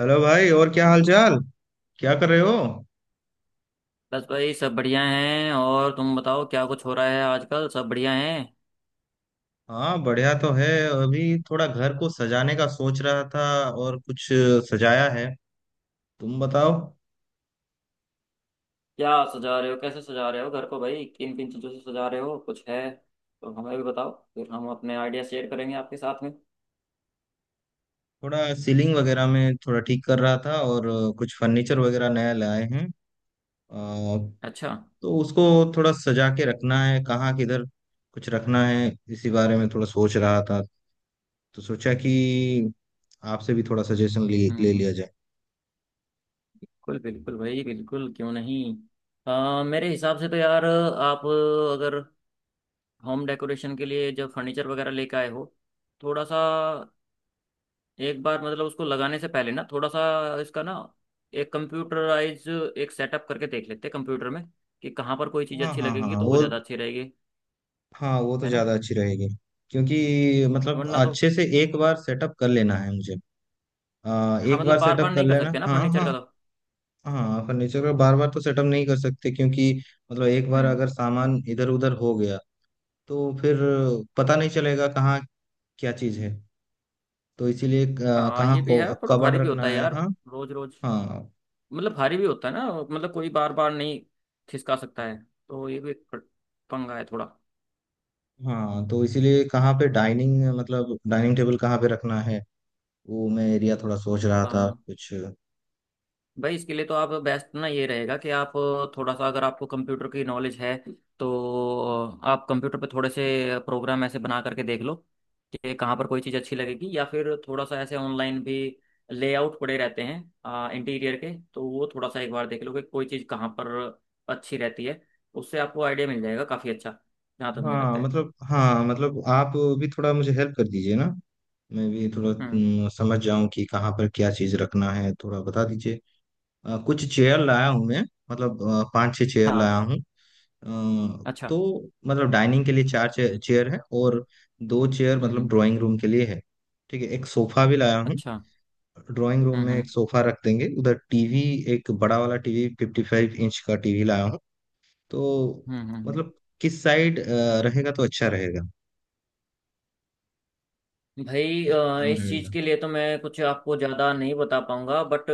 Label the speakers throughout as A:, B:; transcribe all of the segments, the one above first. A: Hello भाई। और क्या हाल चाल? क्या कर रहे हो?
B: बस भाई सब बढ़िया हैं। और तुम बताओ क्या कुछ हो रहा है आजकल, सब बढ़िया हैं।
A: हाँ, बढ़िया तो है। अभी थोड़ा घर को सजाने का सोच रहा था। और कुछ सजाया है। तुम बताओ।
B: क्या सजा रहे हो, कैसे सजा रहे हो घर को भाई, किन किन चीज़ों से सजा रहे हो? कुछ है तो हमें भी बताओ, फिर हम अपने आइडिया शेयर करेंगे आपके साथ में।
A: थोड़ा सीलिंग वगैरह में थोड़ा ठीक कर रहा था, और कुछ फर्नीचर वगैरह नया लाए हैं। अ,
B: अच्छा।
A: तो उसको थोड़ा सजा के रखना है। कहाँ किधर कुछ रखना है, इसी बारे में थोड़ा सोच रहा था। तो सोचा कि आपसे भी थोड़ा सजेशन ले ले
B: हम्म।
A: लिया जाए।
B: बिल्कुल बिल्कुल भाई, बिल्कुल क्यों नहीं। मेरे हिसाब से तो यार आप, अगर होम डेकोरेशन के लिए जब फर्नीचर वगैरह लेके आए हो, थोड़ा सा एक बार मतलब उसको लगाने से पहले ना, थोड़ा सा इसका ना एक कंप्यूटराइज एक सेटअप करके देख लेते हैं कंप्यूटर में, कि कहाँ पर कोई चीज़
A: हाँ,
B: अच्छी
A: हाँ, हाँ,
B: लगेगी,
A: हाँ,
B: तो वो
A: वो
B: ज़्यादा अच्छी रहेगी।
A: हाँ, वो तो
B: है ना।
A: ज्यादा अच्छी रहेगी। क्योंकि मतलब
B: वरना तो।
A: अच्छे से एक बार सेटअप कर लेना है मुझे।
B: हाँ
A: एक
B: मतलब
A: बार
B: बार बार
A: सेटअप कर
B: नहीं कर
A: लेना।
B: सकते ना
A: हाँ,
B: फर्नीचर
A: हाँ।
B: का तो।
A: हाँ, फर्नीचर का बार बार तो सेटअप नहीं कर सकते, क्योंकि मतलब एक बार
B: हम्म।
A: अगर सामान इधर उधर हो गया, तो फिर पता नहीं चलेगा कहाँ क्या चीज है। तो इसीलिए
B: हाँ
A: कहाँ
B: ये भी
A: को
B: है, थोड़ा
A: कबर्ड
B: भारी भी होता
A: रखना
B: है
A: है।
B: यार।
A: हाँ,
B: रोज रोज
A: हाँ,
B: मतलब भारी भी होता है ना, मतलब कोई बार बार नहीं खिसका सकता है, तो ये भी एक पंगा है थोड़ा।
A: हाँ। तो इसीलिए कहाँ पे डाइनिंग, मतलब डाइनिंग टेबल कहाँ पे रखना है, वो मैं एरिया थोड़ा सोच रहा था
B: हाँ
A: कुछ।
B: भाई इसके लिए तो आप, बेस्ट ना ये रहेगा कि आप थोड़ा सा, अगर आपको कंप्यूटर की नॉलेज है, तो आप कंप्यूटर पे थोड़े से प्रोग्राम ऐसे बना करके देख लो कि कहाँ पर कोई चीज़ अच्छी लगेगी। या फिर थोड़ा सा ऐसे ऑनलाइन भी लेआउट पड़े रहते हैं इंटीरियर के, तो वो थोड़ा सा एक बार देख लो कि कोई चीज़ कहाँ पर अच्छी रहती है। उससे आपको आइडिया मिल जाएगा काफ़ी अच्छा, जहाँ तक मुझे
A: हाँ
B: लगता है।
A: मतलब हाँ मतलब आप भी थोड़ा मुझे हेल्प कर दीजिए ना। मैं भी थोड़ा
B: हम्म।
A: समझ जाऊं कि कहाँ पर क्या चीज़ रखना है, थोड़ा बता दीजिए। कुछ चेयर लाया हूँ मैं। मतलब पांच छह चेयर
B: हाँ।
A: लाया हूँ।
B: अच्छा।
A: तो मतलब डाइनिंग के लिए चार चेयर है, और दो चेयर मतलब
B: हम्म।
A: ड्राइंग रूम के लिए है। ठीक है, एक सोफा भी लाया हूँ।
B: अच्छा।
A: ड्राइंग रूम
B: हम्म
A: में
B: हम्म
A: एक सोफा रख देंगे, उधर टीवी, एक बड़ा वाला टीवी, 55 इंच का टीवी लाया हूँ। तो
B: हम्म हम्म हम्म।
A: मतलब किस साइड रहेगा तो अच्छा रहेगा?
B: भाई
A: किस दिशा में
B: इस चीज़
A: रहेगा?
B: के लिए तो मैं कुछ आपको ज़्यादा नहीं बता पाऊंगा, बट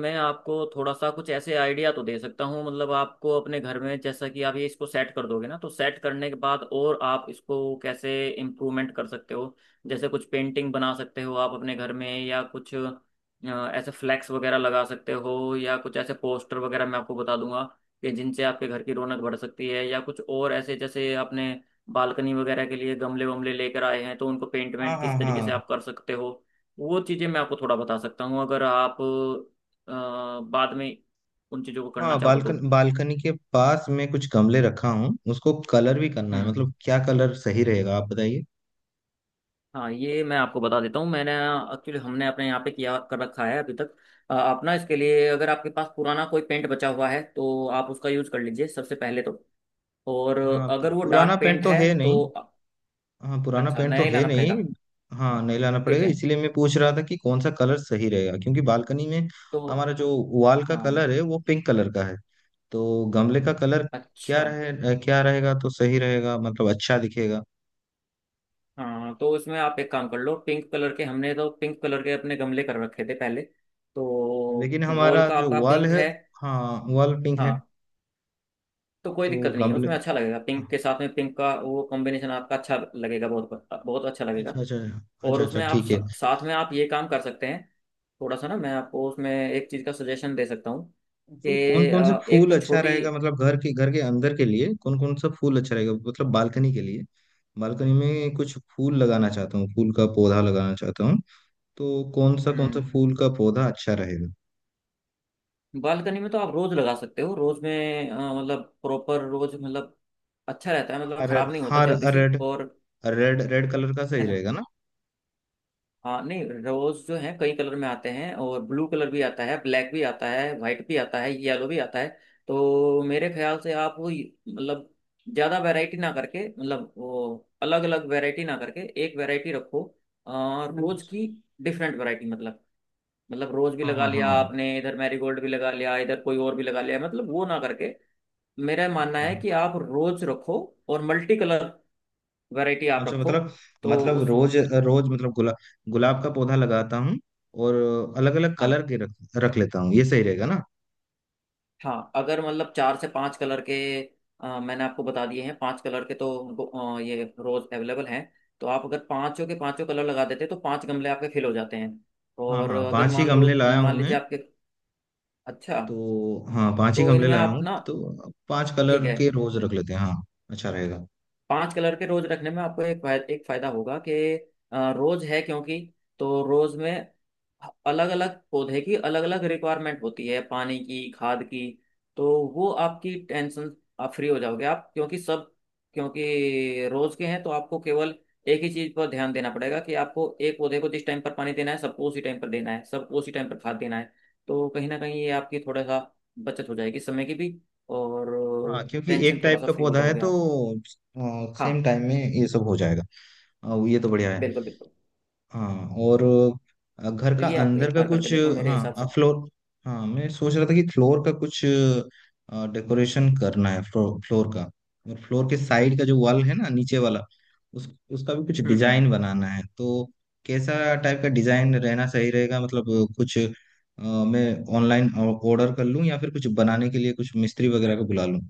B: मैं आपको थोड़ा सा कुछ ऐसे आइडिया तो दे सकता हूँ। मतलब आपको अपने घर में, जैसा कि आप ये इसको सेट कर दोगे ना, तो सेट करने के बाद और आप इसको कैसे इम्प्रूवमेंट कर सकते हो, जैसे कुछ पेंटिंग बना सकते हो आप अपने घर में, या कुछ ऐसे फ्लैक्स वगैरह लगा सकते हो, या कुछ ऐसे पोस्टर वगैरह, मैं आपको बता दूंगा कि जिनसे आपके घर की रौनक बढ़ सकती है। या कुछ और ऐसे जैसे आपने बालकनी वगैरह के लिए गमले वमले लेकर आए हैं, तो उनको पेंट
A: हाँ,
B: वेंट
A: हाँ,
B: किस तरीके से
A: हाँ,
B: आप कर सकते हो, वो चीज़ें मैं आपको थोड़ा बता सकता हूँ, अगर आप बाद में उन चीज़ों को करना
A: हाँ,
B: चाहो तो।
A: बालकनी के पास मैं कुछ गमले रखा हूँ, उसको कलर भी करना है,
B: हम्म।
A: मतलब क्या कलर सही रहेगा, आप बताइए।
B: हाँ ये मैं आपको बता देता हूँ। मैंने एक्चुअली, हमने अपने यहाँ पे किया कर रखा है अभी तक। आप ना इसके लिए, अगर आपके पास पुराना कोई पेंट बचा हुआ है तो आप उसका यूज़ कर लीजिए सबसे पहले तो। और
A: हाँ,
B: अगर वो
A: पुराना
B: डार्क
A: पेंट
B: पेंट
A: तो
B: है
A: है
B: तो।
A: नहीं। हाँ, पुराना
B: अच्छा
A: पेंट
B: नया
A: तो
B: ही
A: है
B: लाना पड़ेगा।
A: नहीं। हाँ, नहीं लाना
B: ठीक
A: पड़ेगा,
B: है
A: इसीलिए मैं पूछ रहा था कि कौन सा कलर सही रहेगा, क्योंकि बालकनी में
B: तो।
A: हमारा जो वॉल का
B: हाँ।
A: कलर है, वो पिंक कलर का है। तो गमले का कलर
B: अच्छा।
A: क्या रहेगा तो सही रहेगा, मतलब अच्छा दिखेगा?
B: हाँ तो इसमें आप एक काम कर लो, पिंक कलर के हमने तो पिंक कलर के अपने गमले कर रखे थे पहले तो।
A: लेकिन
B: वॉल
A: हमारा
B: का
A: जो
B: आपका
A: वॉल
B: पिंक
A: है,
B: है।
A: हाँ, वॉल पिंक है।
B: हाँ तो कोई
A: तो
B: दिक्कत नहीं है
A: गमले?
B: उसमें, अच्छा लगेगा। पिंक के साथ में पिंक का वो कॉम्बिनेशन आपका अच्छा लगेगा, बहुत बहुत अच्छा लगेगा।
A: अच्छा, अच्छा। अच्छा,
B: और
A: अच्छा,
B: उसमें आप
A: ठीक है।
B: साथ में आप ये काम कर सकते हैं, थोड़ा सा ना मैं आपको उसमें एक चीज़ का सजेशन दे सकता हूँ
A: फिर
B: कि
A: कौन कौन से
B: एक
A: फूल
B: तो
A: अच्छा
B: छोटी।
A: रहेगा, मतलब घर के अंदर के लिए कौन कौन सा फूल अच्छा रहेगा, मतलब बालकनी के लिए? बालकनी में कुछ फूल लगाना चाहता हूँ, फूल का पौधा लगाना चाहता हूँ। तो कौन सा
B: हम्म।
A: फूल का पौधा अच्छा रहेगा?
B: बालकनी में तो आप रोज लगा सकते हो, रोज में मतलब प्रॉपर रोज मतलब अच्छा रहता है, मतलब
A: हाँ,
B: खराब नहीं होता
A: हाँ,
B: जल्दी से।
A: रेड,
B: और
A: रेड कलर का
B: है
A: सही
B: ना।
A: रहेगा ना?
B: हाँ नहीं रोज जो है कई कलर में आते हैं, और ब्लू कलर भी आता है, ब्लैक भी आता है, वाइट भी आता है, येलो भी आता है। तो मेरे ख्याल से आप वो मतलब ज़्यादा वैरायटी ना करके, मतलब वो अलग अलग वैरायटी ना करके एक वैरायटी रखो, और रोज
A: अच्छा,
B: की डिफरेंट वैरायटी मतलब, मतलब रोज भी
A: हाँ,
B: लगा
A: हाँ,
B: लिया
A: हाँ।
B: आपने इधर, मैरीगोल्ड भी लगा लिया इधर, कोई और भी लगा लिया, मतलब वो ना करके, मेरा मानना
A: अच्छा,
B: है कि आप रोज रखो और मल्टी कलर वैरायटी आप
A: अच्छा।
B: रखो।
A: मतलब,
B: तो उस।
A: रोज, रोज, मतलब गुलाब, गुलाब का पौधा लगाता हूँ। और अलग अलग कलर
B: हाँ
A: के रख रख लेता हूँ, ये सही रहेगा ना?
B: हाँ अगर मतलब चार से पांच कलर के, मैंने आपको बता दिए हैं पांच कलर के, तो ये रोज अवेलेबल हैं। तो आप अगर पांचों के पांचों कलर लगा देते हैं तो पांच गमले आपके फिल हो जाते हैं।
A: हाँ,
B: और
A: हाँ,
B: अगर
A: पांच ही गमले लाया हूँ
B: मान
A: मैं।
B: लीजिए आपके। अच्छा।
A: तो हाँ, पांच ही
B: तो
A: गमले
B: इनमें
A: लाया
B: आप
A: हूँ,
B: ना।
A: तो पांच
B: ठीक
A: कलर
B: है।
A: के रोज रख लेते हैं, हाँ। अच्छा रहेगा।
B: पांच कलर के रोज रखने में आपको एक फायदा, एक फायदा होगा कि रोज है क्योंकि, तो रोज में अलग अलग पौधे की अलग अलग रिक्वायरमेंट होती है, पानी की, खाद की। तो वो आपकी टेंशन, आप फ्री हो जाओगे आप, क्योंकि रोज के हैं, तो आपको केवल एक ही चीज पर ध्यान देना पड़ेगा, कि आपको एक पौधे को जिस टाइम पर पानी देना है सबको उसी टाइम पर देना है, सबको उसी टाइम पर खाद देना है। तो कहीं ना कहीं ये आपकी थोड़ा सा बचत हो जाएगी समय की भी, और
A: हाँ, क्योंकि
B: टेंशन
A: एक
B: थोड़ा
A: टाइप
B: सा
A: का
B: फ्री हो
A: पौधा है,
B: जाओगे
A: तो
B: आप।
A: सेम
B: हाँ
A: टाइम में ये सब हो जाएगा। ये तो बढ़िया है।
B: बिल्कुल बिल्कुल।
A: हाँ, और घर
B: तो
A: का
B: ये आप
A: अंदर
B: एक
A: का
B: बार करके
A: कुछ,
B: देखो मेरे
A: हाँ,
B: हिसाब से।
A: फ्लोर। हाँ, मैं सोच रहा था कि फ्लोर का कुछ डेकोरेशन करना है, फ्लोर का। और फ्लोर के साइड का जो वॉल है ना नीचे वाला, उस उसका भी कुछ
B: हम्म।
A: डिजाइन बनाना है। तो कैसा टाइप का डिजाइन रहना सही रहेगा, मतलब कुछ, मैं ऑनलाइन ऑर्डर कर लूँ, या फिर कुछ बनाने के लिए कुछ मिस्त्री वगैरह को बुला लूँ?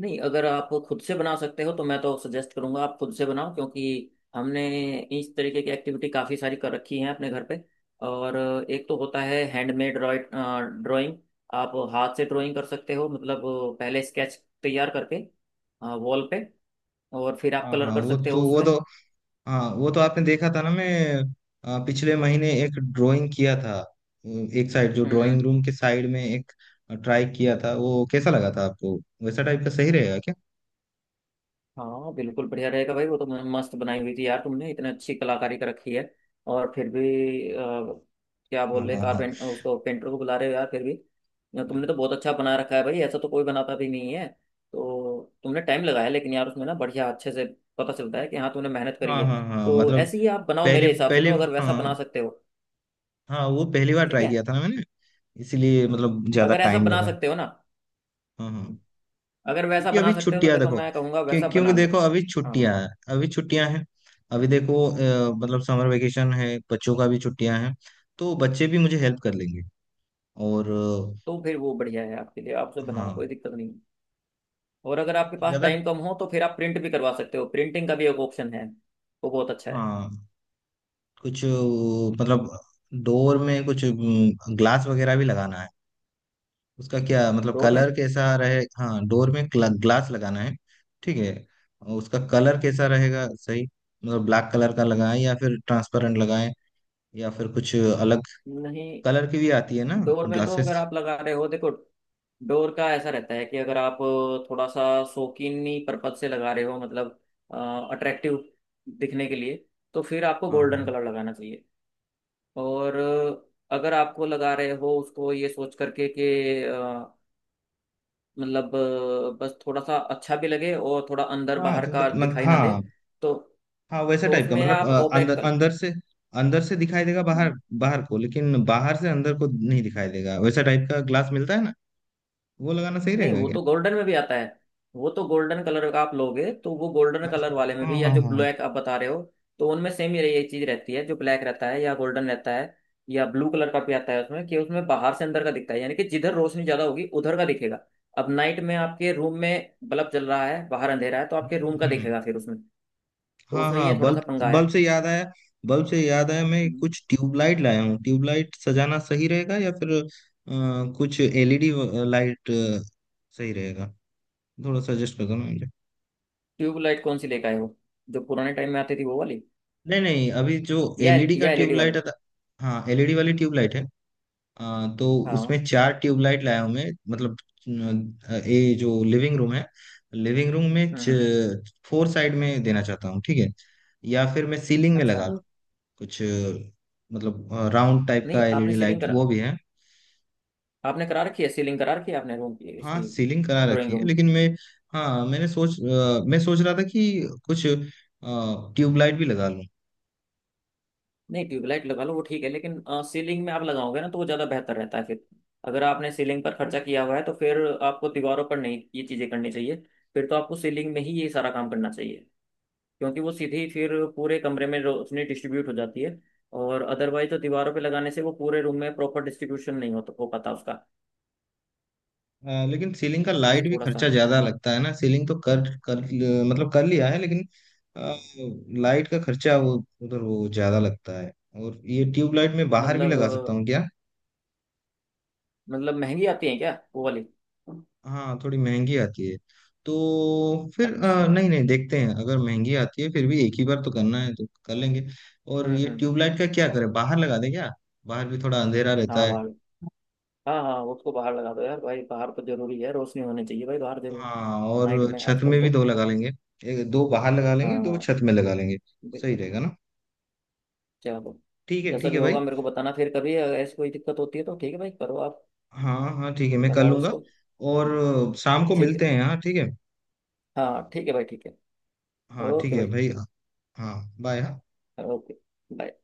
B: नहीं अगर आप खुद से बना सकते हो, तो मैं तो सजेस्ट करूंगा आप खुद से बनाओ, क्योंकि हमने इस तरीके की एक्टिविटी काफ़ी सारी कर रखी है अपने घर पे। और एक तो होता है हैंडमेड ड्राइंग, आप हाथ से ड्राइंग कर सकते हो मतलब, पहले स्केच तैयार करके वॉल पे, और फिर आप
A: हाँ,
B: कलर
A: हाँ,
B: कर
A: वो
B: सकते हो
A: तो वो तो
B: उसमें।
A: हाँ, वो तो आपने देखा था ना। मैं पिछले महीने एक ड्राइंग किया था। एक साइड जो ड्राइंग
B: हम्म।
A: रूम के साइड में, एक ट्राई किया था, वो कैसा लगा था आपको? वैसा टाइप का सही रहेगा क्या?
B: हाँ बिल्कुल बढ़िया रहेगा भाई, वो तो मस्त बनाई हुई थी यार, तुमने इतने अच्छी कलाकारी कर रखी है। और फिर भी क्या बोल
A: हाँ,
B: रहे,
A: हाँ, हाँ,
B: कारपेंट उसको, पेंटर को बुला रहे हो यार फिर भी? ना, तुमने तो बहुत अच्छा बना रखा है भाई, ऐसा तो कोई बनाता भी नहीं है। तो तुमने टाइम लगाया लेकिन यार उसमें ना, बढ़िया अच्छे से पता चलता है कि हाँ तुमने मेहनत करी
A: हाँ,
B: है।
A: हाँ, हाँ,
B: तो
A: मतलब
B: ऐसे ही आप बनाओ,
A: पहली
B: मेरे हिसाब से
A: पहली
B: तो अगर वैसा बना
A: हाँ,
B: सकते हो।
A: हाँ, वो पहली बार
B: ठीक
A: ट्राई
B: है।
A: किया था ना मैंने, इसीलिए मतलब ज्यादा
B: अगर ऐसा
A: टाइम
B: बना
A: लगा।
B: सकते हो ना,
A: हाँ, हाँ।
B: अगर वैसा
A: क्योंकि अभी
B: बना सकते हो, तो
A: छुट्टियां,
B: देखो
A: देखो,
B: मैं कहूँगा वैसा
A: क्योंकि
B: बना लो।
A: देखो, अभी छुट्टियां
B: हाँ
A: हैं। अभी छुट्टियां हैं। अभी देखो मतलब समर वेकेशन है, बच्चों का भी छुट्टियां हैं। तो बच्चे भी मुझे हेल्प कर लेंगे। और
B: तो फिर वो बढ़िया है आपके लिए, आपसे बनाओ
A: हाँ,
B: कोई दिक्कत नहीं। और अगर आपके पास
A: ज्यादा।
B: टाइम कम हो, तो फिर आप प्रिंट भी करवा सकते हो, प्रिंटिंग का भी एक ऑप्शन है, वो बहुत अच्छा है।
A: हाँ, कुछ, मतलब डोर में कुछ ग्लास वगैरह भी लगाना है। उसका क्या, मतलब
B: डोर में।
A: कलर कैसा रहे, हाँ, डोर में ग्लास लगाना है। ठीक है, और उसका कलर कैसा रहेगा सही, मतलब ब्लैक कलर का लगाएं या फिर ट्रांसपेरेंट लगाएं, या फिर कुछ अलग
B: नहीं,
A: कलर की भी आती है ना
B: डोर में तो अगर
A: ग्लासेस?
B: आप लगा रहे हो देखो, डोर का ऐसा रहता है कि अगर आप थोड़ा सा शौकीनी पर्पज से लगा रहे हो, मतलब अट्रैक्टिव दिखने के लिए, तो फिर आपको
A: हाँ, हाँ,
B: गोल्डन कलर लगाना चाहिए। और अगर आपको लगा रहे हो उसको ये सोच करके कि मतलब बस थोड़ा सा अच्छा भी लगे, और थोड़ा अंदर
A: हाँ,
B: बाहर
A: तो मत,
B: का
A: मत,
B: दिखाई ना दे,
A: हाँ,
B: तो
A: हाँ, वैसा
B: तो
A: टाइप का,
B: उसमें
A: मतलब
B: आप ओपेक
A: अंदर
B: कल।
A: अंदर से दिखाई देगा बाहर बाहर को, लेकिन बाहर से अंदर को नहीं दिखाई देगा, वैसा टाइप का ग्लास मिलता है ना? वो लगाना सही
B: नहीं
A: रहेगा
B: वो
A: क्या?
B: तो गोल्डन में भी आता है। वो तो गोल्डन कलर का आप लोगे तो वो गोल्डन कलर वाले में
A: अच्छा, हाँ,
B: भी, या
A: हाँ,
B: जो
A: हाँ।
B: ब्लैक आप बता रहे हो, तो उनमें सेम ही यही चीज रहती है, जो ब्लैक रहता है या गोल्डन रहता है, या ब्लू कलर का भी आता है उसमें, कि उसमें बाहर से अंदर का दिखता है, यानी कि जिधर रोशनी ज्यादा होगी उधर का दिखेगा। अब नाइट में आपके रूम में बल्ब जल रहा है, बाहर अंधेरा है, तो
A: हम्म।
B: आपके रूम का
A: हम्म। हम्म।
B: दिखेगा फिर उसमें। तो
A: हाँ,
B: उसमें ये
A: हाँ,
B: थोड़ा
A: बल्ब
B: सा पंगा
A: बल्ब से याद आया, बल्ब से याद आया, मैं
B: है।
A: कुछ ट्यूबलाइट लाया हूँ, ट्यूबलाइट सजाना सही रहेगा या फिर कुछ एलईडी लाइट सही रहेगा? थोड़ा सजेस्ट कर दो ना मुझे।
B: ट्यूबलाइट कौन सी लेकर आए हो? जो पुराने टाइम में आती थी वो वाली,
A: नहीं, नहीं, अभी जो
B: या
A: एलईडी का
B: या एलईडी वाली?
A: ट्यूबलाइट आता, हाँ, एलईडी वाली ट्यूबलाइट है। हाँ, तो
B: हाँ।
A: उसमें चार ट्यूबलाइट लाया हूं मैं। मतलब ये जो लिविंग रूम है, लिविंग रूम में
B: हम्म हम्म,
A: फोर साइड में देना चाहता हूँ, ठीक है? या फिर मैं सीलिंग में लगा
B: अच्छा।
A: लूँ? कुछ मतलब राउंड टाइप
B: नहीं
A: का
B: आपने
A: एलईडी
B: सीलिंग
A: लाइट,
B: करा,
A: वो भी है।
B: आपने करा रखी है, सीलिंग करा रखी है आपने रूम की
A: हाँ,
B: इसकी?
A: सीलिंग करा
B: ड्राइंग
A: रखी है,
B: रूम की।
A: लेकिन मैं, हाँ, मैं सोच रहा था कि कुछ ट्यूबलाइट भी लगा लूँ।
B: नहीं ट्यूबलाइट लगा लो वो ठीक है, लेकिन सीलिंग में आप लगाओगे ना तो वो ज़्यादा बेहतर रहता है फिर। अगर आपने सीलिंग पर खर्चा किया हुआ है, तो फिर आपको दीवारों पर नहीं ये चीज़ें करनी चाहिए, फिर तो आपको सीलिंग में ही ये सारा काम करना चाहिए, क्योंकि वो सीधी फिर पूरे कमरे में रोशनी डिस्ट्रीब्यूट हो जाती है। और अदरवाइज तो दीवारों पे लगाने से वो पूरे रूम में प्रॉपर डिस्ट्रीब्यूशन नहीं हो पाता उसका।
A: लेकिन सीलिंग का लाइट
B: ये
A: भी
B: थोड़ा सा
A: खर्चा ज्यादा लगता है ना, सीलिंग तो कर कर मतलब कर लिया है, लेकिन आ, लाइट का खर्चा, वो उधर वो ज्यादा लगता है। और ये ट्यूब लाइट मैं बाहर भी लगा सकता
B: मतलब
A: हूँ क्या?
B: मतलब महंगी आती है क्या वो वाली?
A: हाँ, थोड़ी महंगी आती है। तो फिर
B: अच्छा।
A: नहीं, नहीं, देखते हैं, अगर महंगी आती है फिर भी, एक ही बार तो करना है, तो कर लेंगे। और ये
B: हम्म।
A: ट्यूब लाइट का क्या करें, बाहर लगा दें क्या? बाहर भी थोड़ा अंधेरा रहता
B: हाँ
A: है।
B: बाहर। हाँ हाँ उसको बाहर लगा दो यार भाई, बाहर तो जरूरी है, रोशनी होनी चाहिए भाई बाहर जरूर।
A: हाँ,
B: नाइट
A: और
B: में
A: छत
B: आजकल
A: में
B: तो।
A: भी दो लगा लेंगे। एक दो बाहर लगा लेंगे, दो
B: हाँ
A: छत में लगा लेंगे, सही
B: बिल्कुल।
A: रहेगा ना?
B: चलो,
A: ठीक है,
B: जैसा
A: ठीक
B: भी
A: है भाई।
B: होगा मेरे को बताना फिर कभी, अगर ऐसी कोई दिक्कत होती है तो। ठीक है भाई करो आप,
A: हाँ, हाँ, ठीक है, मैं कर
B: लगाओ
A: लूंगा।
B: इसको।
A: और शाम को
B: ठीक है।
A: मिलते हैं, हाँ, ठीक है।
B: हाँ ठीक है भाई, ठीक है।
A: हाँ, ठीक
B: ओके
A: है
B: भाई।
A: भाई। हाँ, बाय।
B: ओके। बाय।